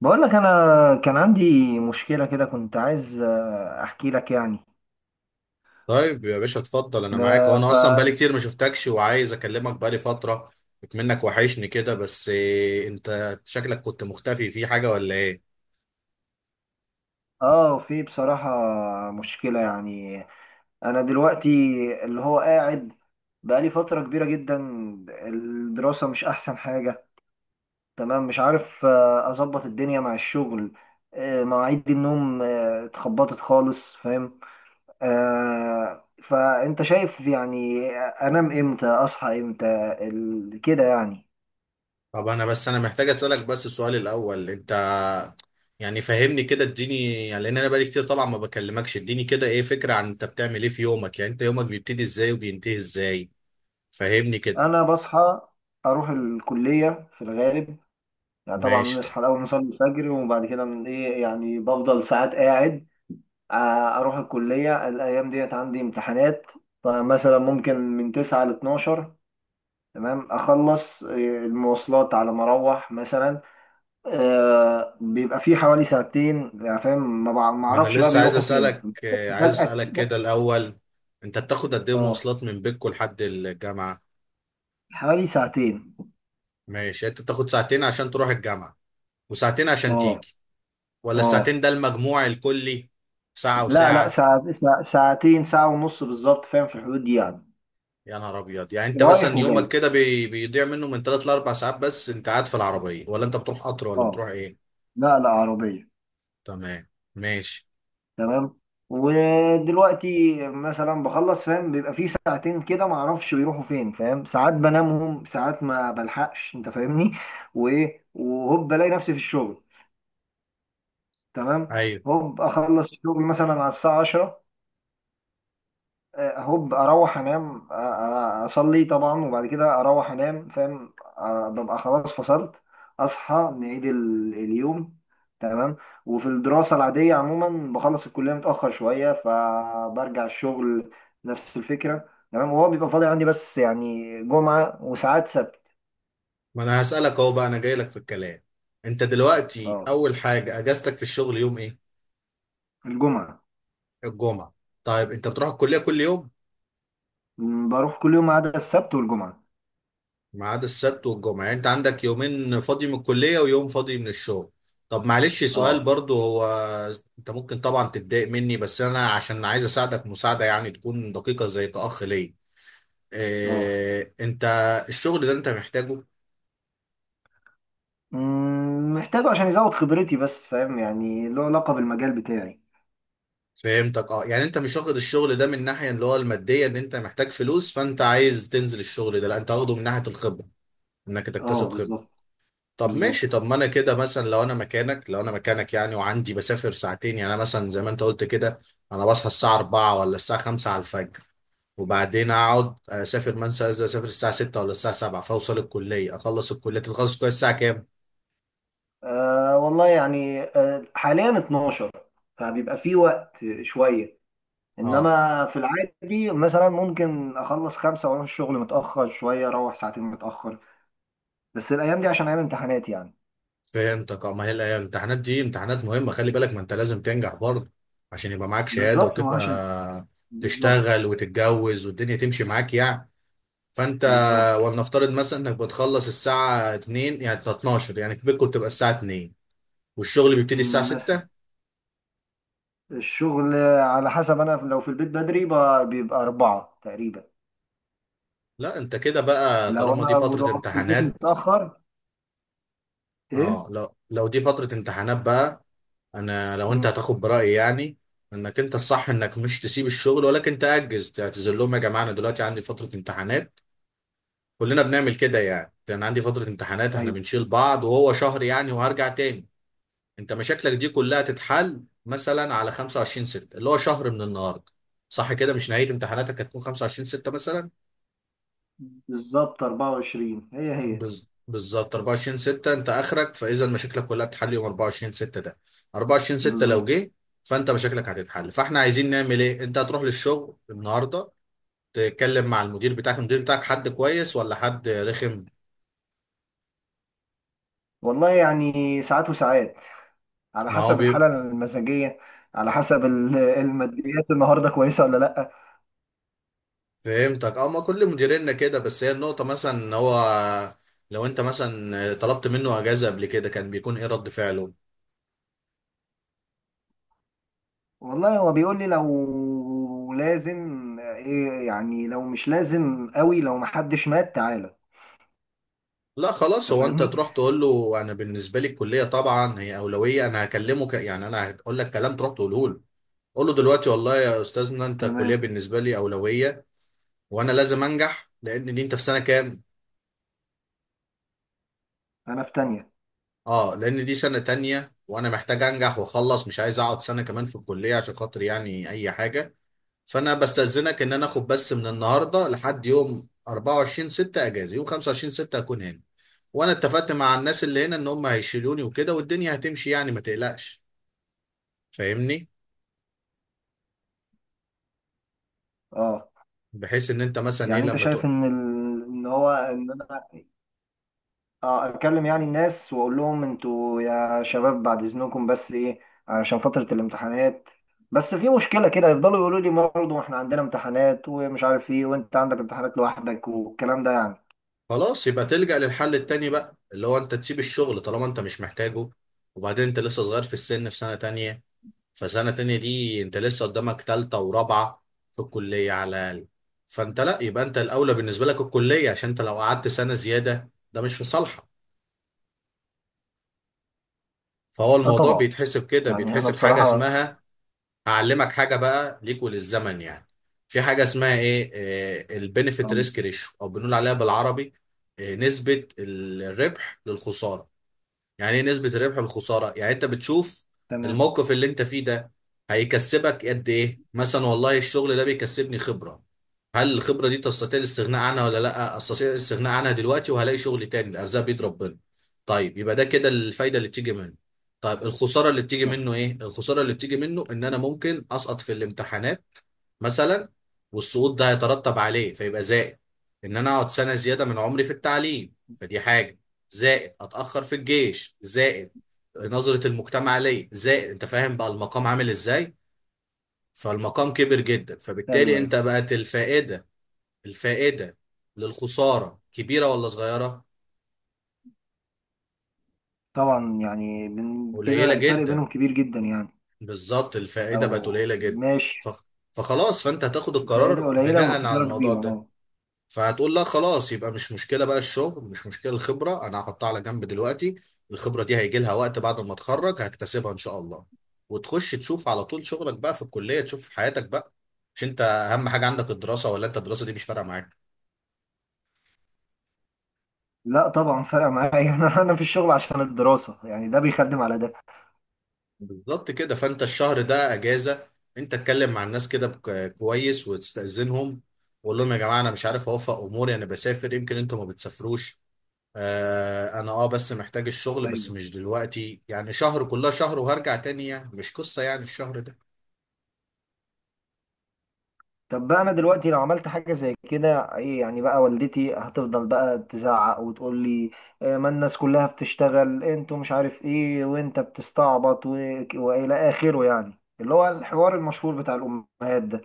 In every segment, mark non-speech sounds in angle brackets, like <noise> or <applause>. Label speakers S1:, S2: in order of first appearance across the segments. S1: بقول لك انا كان عندي مشكله كده، كنت عايز احكي لك يعني.
S2: طيب يا باشا اتفضل انا
S1: ب-
S2: معاك وانا
S1: ف
S2: اصلا بقالي كتير ما شفتكش وعايز اكلمك بقالي فترة منك وحشني كده. بس إيه، انت شكلك كنت مختفي في حاجة ولا ايه؟
S1: اه في بصراحه مشكله يعني. انا دلوقتي اللي هو قاعد بقالي فتره كبيره جدا الدراسه مش احسن حاجه، تمام. مش عارف اظبط الدنيا مع الشغل، مواعيد النوم اتخبطت خالص، فاهم. فانت شايف يعني انام امتى اصحى امتى كده يعني.
S2: طب انا انا محتاج اسألك بس. السؤال الاول انت يعني فهمني كده، اديني يعني لان انا بقالي كتير طبعا ما بكلمكش، اديني كده ايه فكرة عن انت بتعمل ايه في يومك. يعني انت يومك بيبتدي ازاي وبينتهي ازاي؟ فهمني كده.
S1: انا بصحى اروح الكليه في الغالب، يعني طبعا
S2: ماشي، طب
S1: نصحى الاول نصلي الفجر وبعد كده من ايه يعني بفضل ساعات قاعد. اروح الكليه الايام ديت عندي امتحانات، فمثلا ممكن من 9 ل 12، تمام اخلص. المواصلات على ما اروح مثلا بيبقى في حوالي ساعتين يعني، فاهم. ما
S2: ما انا
S1: اعرفش بقى
S2: لسه عايز
S1: بيروحوا فين
S2: اسألك،
S1: <laughs> بس
S2: عايز
S1: فجاه
S2: اسألك
S1: كده.
S2: كده الاول، انت بتاخد قد ايه
S1: اه
S2: مواصلات من بيتكو لحد الجامعة؟
S1: حوالي ساعتين.
S2: ماشي، انت بتاخد ساعتين عشان تروح الجامعة وساعتين عشان
S1: اه.
S2: تيجي، ولا
S1: اه.
S2: الساعتين ده المجموع الكلي، ساعة
S1: لا لا،
S2: وساعة؟
S1: ساعة ساعتين، ساعة ونص بالظبط، فاهم، في الحدود دي يعني.
S2: يا نهار ابيض، يعني انت
S1: رايح
S2: مثلا يومك
S1: وجاي،
S2: كده بيضيع منه من ثلاث لاربع ساعات. بس انت قاعد في العربية ولا انت بتروح قطر ولا
S1: اه.
S2: بتروح ايه؟
S1: لا لا عربية،
S2: تمام، ماشي.
S1: تمام. ودلوقتي مثلا بخلص، فاهم، بيبقى في ساعتين كده ما اعرفش بيروحوا فين، فاهم، ساعات بنامهم ساعات ما بلحقش، انت فاهمني. وايه، وهوب بلاقي نفسي في الشغل، تمام.
S2: ايوه،
S1: هوب اخلص الشغل مثلا على الساعة 10، هوب اروح انام، اصلي طبعا وبعد كده اروح انام، فاهم، ببقى خلاص فصلت. اصحى نعيد اليوم، تمام. وفي الدراسة العادية عموما بخلص الكلية متأخر شوية فبرجع الشغل نفس الفكرة، تمام. وهو بيبقى فاضي عندي بس يعني جمعة وساعات سبت.
S2: ما انا هسألك اهو بقى، انا جاي لك في الكلام. انت دلوقتي
S1: اه،
S2: اول حاجة اجازتك في الشغل يوم ايه؟
S1: الجمعة.
S2: الجمعة. طيب، انت بتروح الكلية كل يوم
S1: بروح كل يوم ما عدا السبت والجمعة.
S2: ما عدا السبت والجمعة؟ يعني انت عندك يومين فاضي من الكلية ويوم فاضي من الشغل. طب معلش سؤال
S1: اه.
S2: برضو، هو انت ممكن طبعا تتضايق مني بس انا عشان عايز اساعدك مساعدة يعني تكون دقيقة زي كأخ ليا.
S1: اه.
S2: اه، انت الشغل ده انت محتاجه؟
S1: محتاجه عشان يزود خبرتي، بس فاهم يعني له علاقة بالمجال بتاعي.
S2: فهمتك، اه يعني انت مش واخد الشغل ده من الناحية اللي هو المادية ان انت محتاج فلوس فانت عايز تنزل الشغل ده، لا انت واخده من ناحية الخبرة، انك
S1: اه
S2: تكتسب خبرة.
S1: بالظبط.
S2: طب
S1: بالظبط.
S2: ماشي، طب ما انا كده مثلا لو انا مكانك، لو انا مكانك يعني وعندي بسافر ساعتين، يعني انا مثلا زي ما انت قلت كده، انا بصحى الساعة 4 ولا الساعة 5 على الفجر، وبعدين اقعد اسافر، مثلا إذا اسافر الساعة 6 ولا الساعة 7، فاوصل الكلية. اخلص الكلية، تخلص الكلية الساعة كام؟
S1: والله يعني، حاليا 12، فبيبقى في وقت شوية.
S2: اه،
S1: انما في العادي مثلا ممكن اخلص خمسة واروح الشغل متأخر شوية، اروح ساعتين متأخر، بس الايام دي عشان ايام امتحانات يعني.
S2: فهمتك. اه، ما هي الامتحانات دي امتحانات مهمة خلي بالك، ما انت لازم تنجح برضه عشان يبقى معاك شهادة
S1: بالظبط، ما عشان.
S2: وتبقى
S1: بالظبط
S2: تشتغل وتتجوز والدنيا تمشي معاك يعني. فانت
S1: بالظبط.
S2: ولنفترض مثلا انك بتخلص الساعة 2، يعني 12 يعني في بيتكم بتبقى الساعة 2، والشغل بيبتدي الساعة
S1: مثلا.
S2: 6.
S1: الشغل على حسب، انا لو في البيت بدري بيبقى أربعة تقريبا.
S2: لا، انت كده بقى
S1: لو
S2: طالما دي
S1: انا
S2: فترة
S1: رحت البيت
S2: امتحانات،
S1: متأخر، ايه.
S2: اه لو دي فترة امتحانات بقى، انا لو انت
S1: مم،
S2: هتاخد برأيي يعني، انك انت الصح انك مش تسيب الشغل ولكن تأجز، تعتذر لهم يا جماعة انا دلوقتي عندي فترة امتحانات. كلنا بنعمل كده يعني، انا عندي فترة امتحانات احنا
S1: ايوه.
S2: بنشيل بعض وهو شهر يعني وهرجع تاني. انت مشاكلك دي كلها تتحل مثلا على 25 6 اللي هو شهر من النهارده. صح كده، مش نهايه امتحاناتك هتكون 25 6 مثلا؟
S1: بالظبط 24، هي هي.
S2: بالظبط 24 6 انت اخرك، فاذا مشاكلك كلها بتتحل يوم 24 6 ده. 24 6 لو
S1: بالظبط.
S2: جه، فانت مشاكلك هتتحل، فاحنا عايزين نعمل ايه؟ انت هتروح للشغل النهارده تتكلم مع المدير بتاعك. المدير بتاعك حد كويس ولا حد رخم؟
S1: والله يعني ساعات وساعات، على
S2: ما هو
S1: حسب
S2: بي...
S1: الحالة المزاجية، على حسب <laughs> الماديات النهاردة كويسة ولا لأ.
S2: فهمتك، اه ما كل مديريننا كده. بس هي النقطة مثلا ان هو لو انت مثلا طلبت منه اجازة قبل كده كان بيكون ايه رد فعله؟
S1: والله هو بيقول لي لو لازم إيه يعني، لو مش لازم قوي لو محدش مات تعالى.
S2: لا خلاص،
S1: انت
S2: هو انت
S1: فاهمني،
S2: تروح تقول له انا بالنسبة لي الكلية طبعا هي اولوية. انا يعني انا هقول لك كلام تروح تقوله له. قول له دلوقتي والله يا استاذنا انت، الكلية
S1: تمام.
S2: بالنسبة لي اولوية، وانا لازم انجح لان دي، انت في سنة كام؟
S1: انا في تانية.
S2: اه، لان دي سنة تانية وانا محتاج انجح واخلص، مش عايز اقعد سنة كمان في الكلية عشان خاطر يعني اي حاجة. فانا بستأذنك ان انا اخد بس من النهارده لحد يوم 24 6 اجازه، يوم 25 6 اكون هنا. وانا اتفقت مع الناس اللي هنا ان هم هيشيلوني وكده، والدنيا هتمشي يعني ما تقلقش. فاهمني،
S1: اه،
S2: بحيث ان انت مثلا ايه
S1: يعني انت
S2: لما
S1: شايف
S2: تقول.
S1: ان ال... ان هو ان انا اه اكلم يعني الناس واقول لهم انتوا يا شباب بعد اذنكم، بس ايه، عشان فترة الامتحانات. بس في مشكلة كده، يفضلوا يقولوا لي برضه احنا عندنا امتحانات ومش عارف ايه، وانت عندك امتحانات لوحدك، والكلام ده يعني.
S2: خلاص، يبقى تلجأ للحل التاني بقى اللي هو انت تسيب الشغل طالما انت مش محتاجه. وبعدين انت لسه صغير في السن، في سنة تانية، فسنة تانية دي انت لسه قدامك تالتة ورابعة في الكلية على الأقل. فانت لا، يبقى انت الأولى بالنسبة لك الكلية، عشان انت لو قعدت سنة زيادة ده مش في صالحك. فهو
S1: اه
S2: الموضوع
S1: طبعا.
S2: بيتحسب كده،
S1: يعني انا
S2: بيتحسب حاجة
S1: بصراحة.
S2: اسمها، هعلمك حاجة بقى ليك وللزمن يعني. في حاجة اسمها ايه، البنفيت
S1: اه.
S2: ريسك ريشيو، او بنقول عليها بالعربي نسبة الربح للخسارة. يعني ايه نسبة الربح والخسارة؟ يعني انت بتشوف
S1: تمام.
S2: الموقف اللي انت فيه ده هيكسبك قد ايه، مثلا والله الشغل ده بيكسبني خبرة، هل الخبرة دي تستطيع الاستغناء عنها ولا لا استطيع الاستغناء عنها دلوقتي وهلاقي شغل تاني، الارزاق بيد ربنا. طيب يبقى ده كده الفايدة اللي بتيجي منه. طيب الخسارة اللي بتيجي
S1: صح.
S2: منه، ايه الخسارة اللي بتيجي منه؟ ان انا ممكن اسقط في الامتحانات مثلا، والسقوط ده هيترتب عليه، فيبقى زائد ان انا اقعد سنة زيادة من عمري في التعليم، فدي حاجة، زائد اتاخر في الجيش، زائد نظره المجتمع ليا، زائد انت فاهم بقى المقام عامل ازاي. فالمقام كبر جدا،
S1: ايوه.
S2: فبالتالي انت
S1: ايوه
S2: بقت الفائده، الفائده للخساره كبيره ولا صغيره؟
S1: طبعا، يعني من كده
S2: قليله
S1: الفرق
S2: جدا،
S1: بينهم كبير جدا يعني.
S2: بالظبط الفائده
S1: او
S2: بقت قليله جدا.
S1: ماشي.
S2: ف- فخلاص، فانت هتاخد
S1: الفائدة
S2: القرار
S1: قليلة
S2: بناء على
S1: والخسارة
S2: الموضوع
S1: كبيرة،
S2: ده.
S1: اه.
S2: فهتقول لا خلاص، يبقى مش مشكله بقى الشغل، مش مشكله الخبره، انا هحطها على جنب دلوقتي. الخبره دي هيجي لها وقت بعد ما اتخرج هكتسبها ان شاء الله. وتخش تشوف على طول شغلك بقى في الكليه، تشوف حياتك بقى. مش انت اهم حاجه عندك الدراسه، ولا انت الدراسه دي مش فارقه معاك؟
S1: لا طبعا فرق معايا <laughs> انا في الشغل عشان الدراسة يعني، ده بيخدم على ده.
S2: بالظبط كده. فانت الشهر ده اجازه. انت اتكلم مع الناس كده كويس وتستاذنهم، وقول لهم يا جماعه انا مش عارف اوفق اموري، انا بسافر، يمكن انتوا ما بتسافروش. آه انا اه، بس محتاج الشغل بس
S1: أيوه.
S2: مش دلوقتي يعني، شهر كلها شهر وهرجع تاني يعني، مش قصة يعني الشهر ده.
S1: طب بقى انا دلوقتي لو عملت حاجه زي كده ايه يعني، بقى والدتي هتفضل بقى تزعق وتقول لي ما الناس كلها بتشتغل انتوا مش عارف ايه وانت بتستعبط، والى اخره، يعني اللي هو الحوار المشهور بتاع الامهات ده.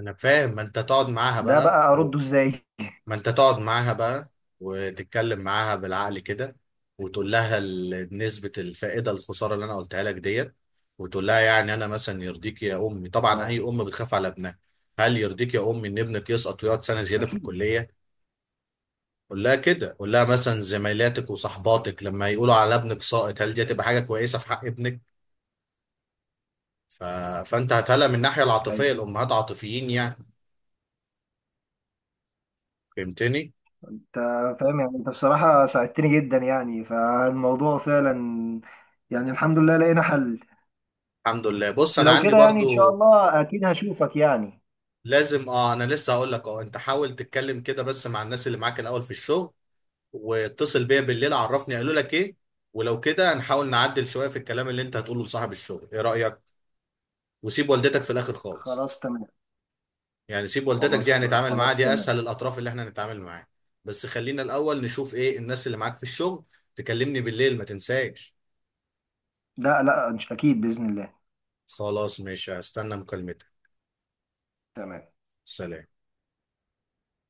S2: انا فاهم، ما انت تقعد معاها
S1: ده
S2: بقى
S1: بقى
S2: و...
S1: ارده ازاي؟
S2: ما انت تقعد معاها بقى وتتكلم معاها بالعقل كده. وتقول لها نسبة الفائدة الخسارة اللي انا قلتها لك ديت. وتقول لها يعني انا مثلا، يرضيك يا امي؟ طبعا
S1: اه
S2: اي ام بتخاف على ابنها. هل يرضيك يا امي ان ابنك يسقط ويقعد سنة زيادة في
S1: اكيد.
S2: الكلية؟ قول لها كده، قول لها مثلا زميلاتك وصحباتك لما يقولوا على ابنك ساقط هل دي هتبقى حاجه كويسه في حق ابنك؟ ف... فانت هتهلا من الناحيه العاطفيه،
S1: ايوه.
S2: الامهات عاطفيين يعني، فهمتني.
S1: انت فاهم يعني، انت بصراحه ساعدتني جدا يعني فالموضوع فعلا، يعني الحمد لله لقينا حل.
S2: الحمد لله، بص
S1: بس
S2: انا
S1: لو
S2: عندي
S1: كده يعني
S2: برضو
S1: ان شاء الله اكيد هشوفك يعني.
S2: لازم، اه انا لسه هقول لك، اه انت حاول تتكلم كده بس مع الناس اللي معاك الاول في الشغل، واتصل بيا بالليل عرفني قالوا لك ايه، ولو كده هنحاول نعدل شويه في الكلام اللي انت هتقوله لصاحب الشغل، ايه رايك؟ وسيب والدتك في الاخر خالص،
S1: خلاص تمام.
S2: يعني سيب والدتك دي
S1: خلاص
S2: هنتعامل معاها،
S1: خلاص
S2: دي
S1: تمام.
S2: اسهل الاطراف اللي احنا هنتعامل معاها. بس خلينا الاول نشوف ايه الناس اللي معاك في الشغل. تكلمني بالليل ما تنساش.
S1: لا لا مش اكيد باذن الله.
S2: خلاص ماشي، هستنى مكالمتك.
S1: تمام.
S2: سلام.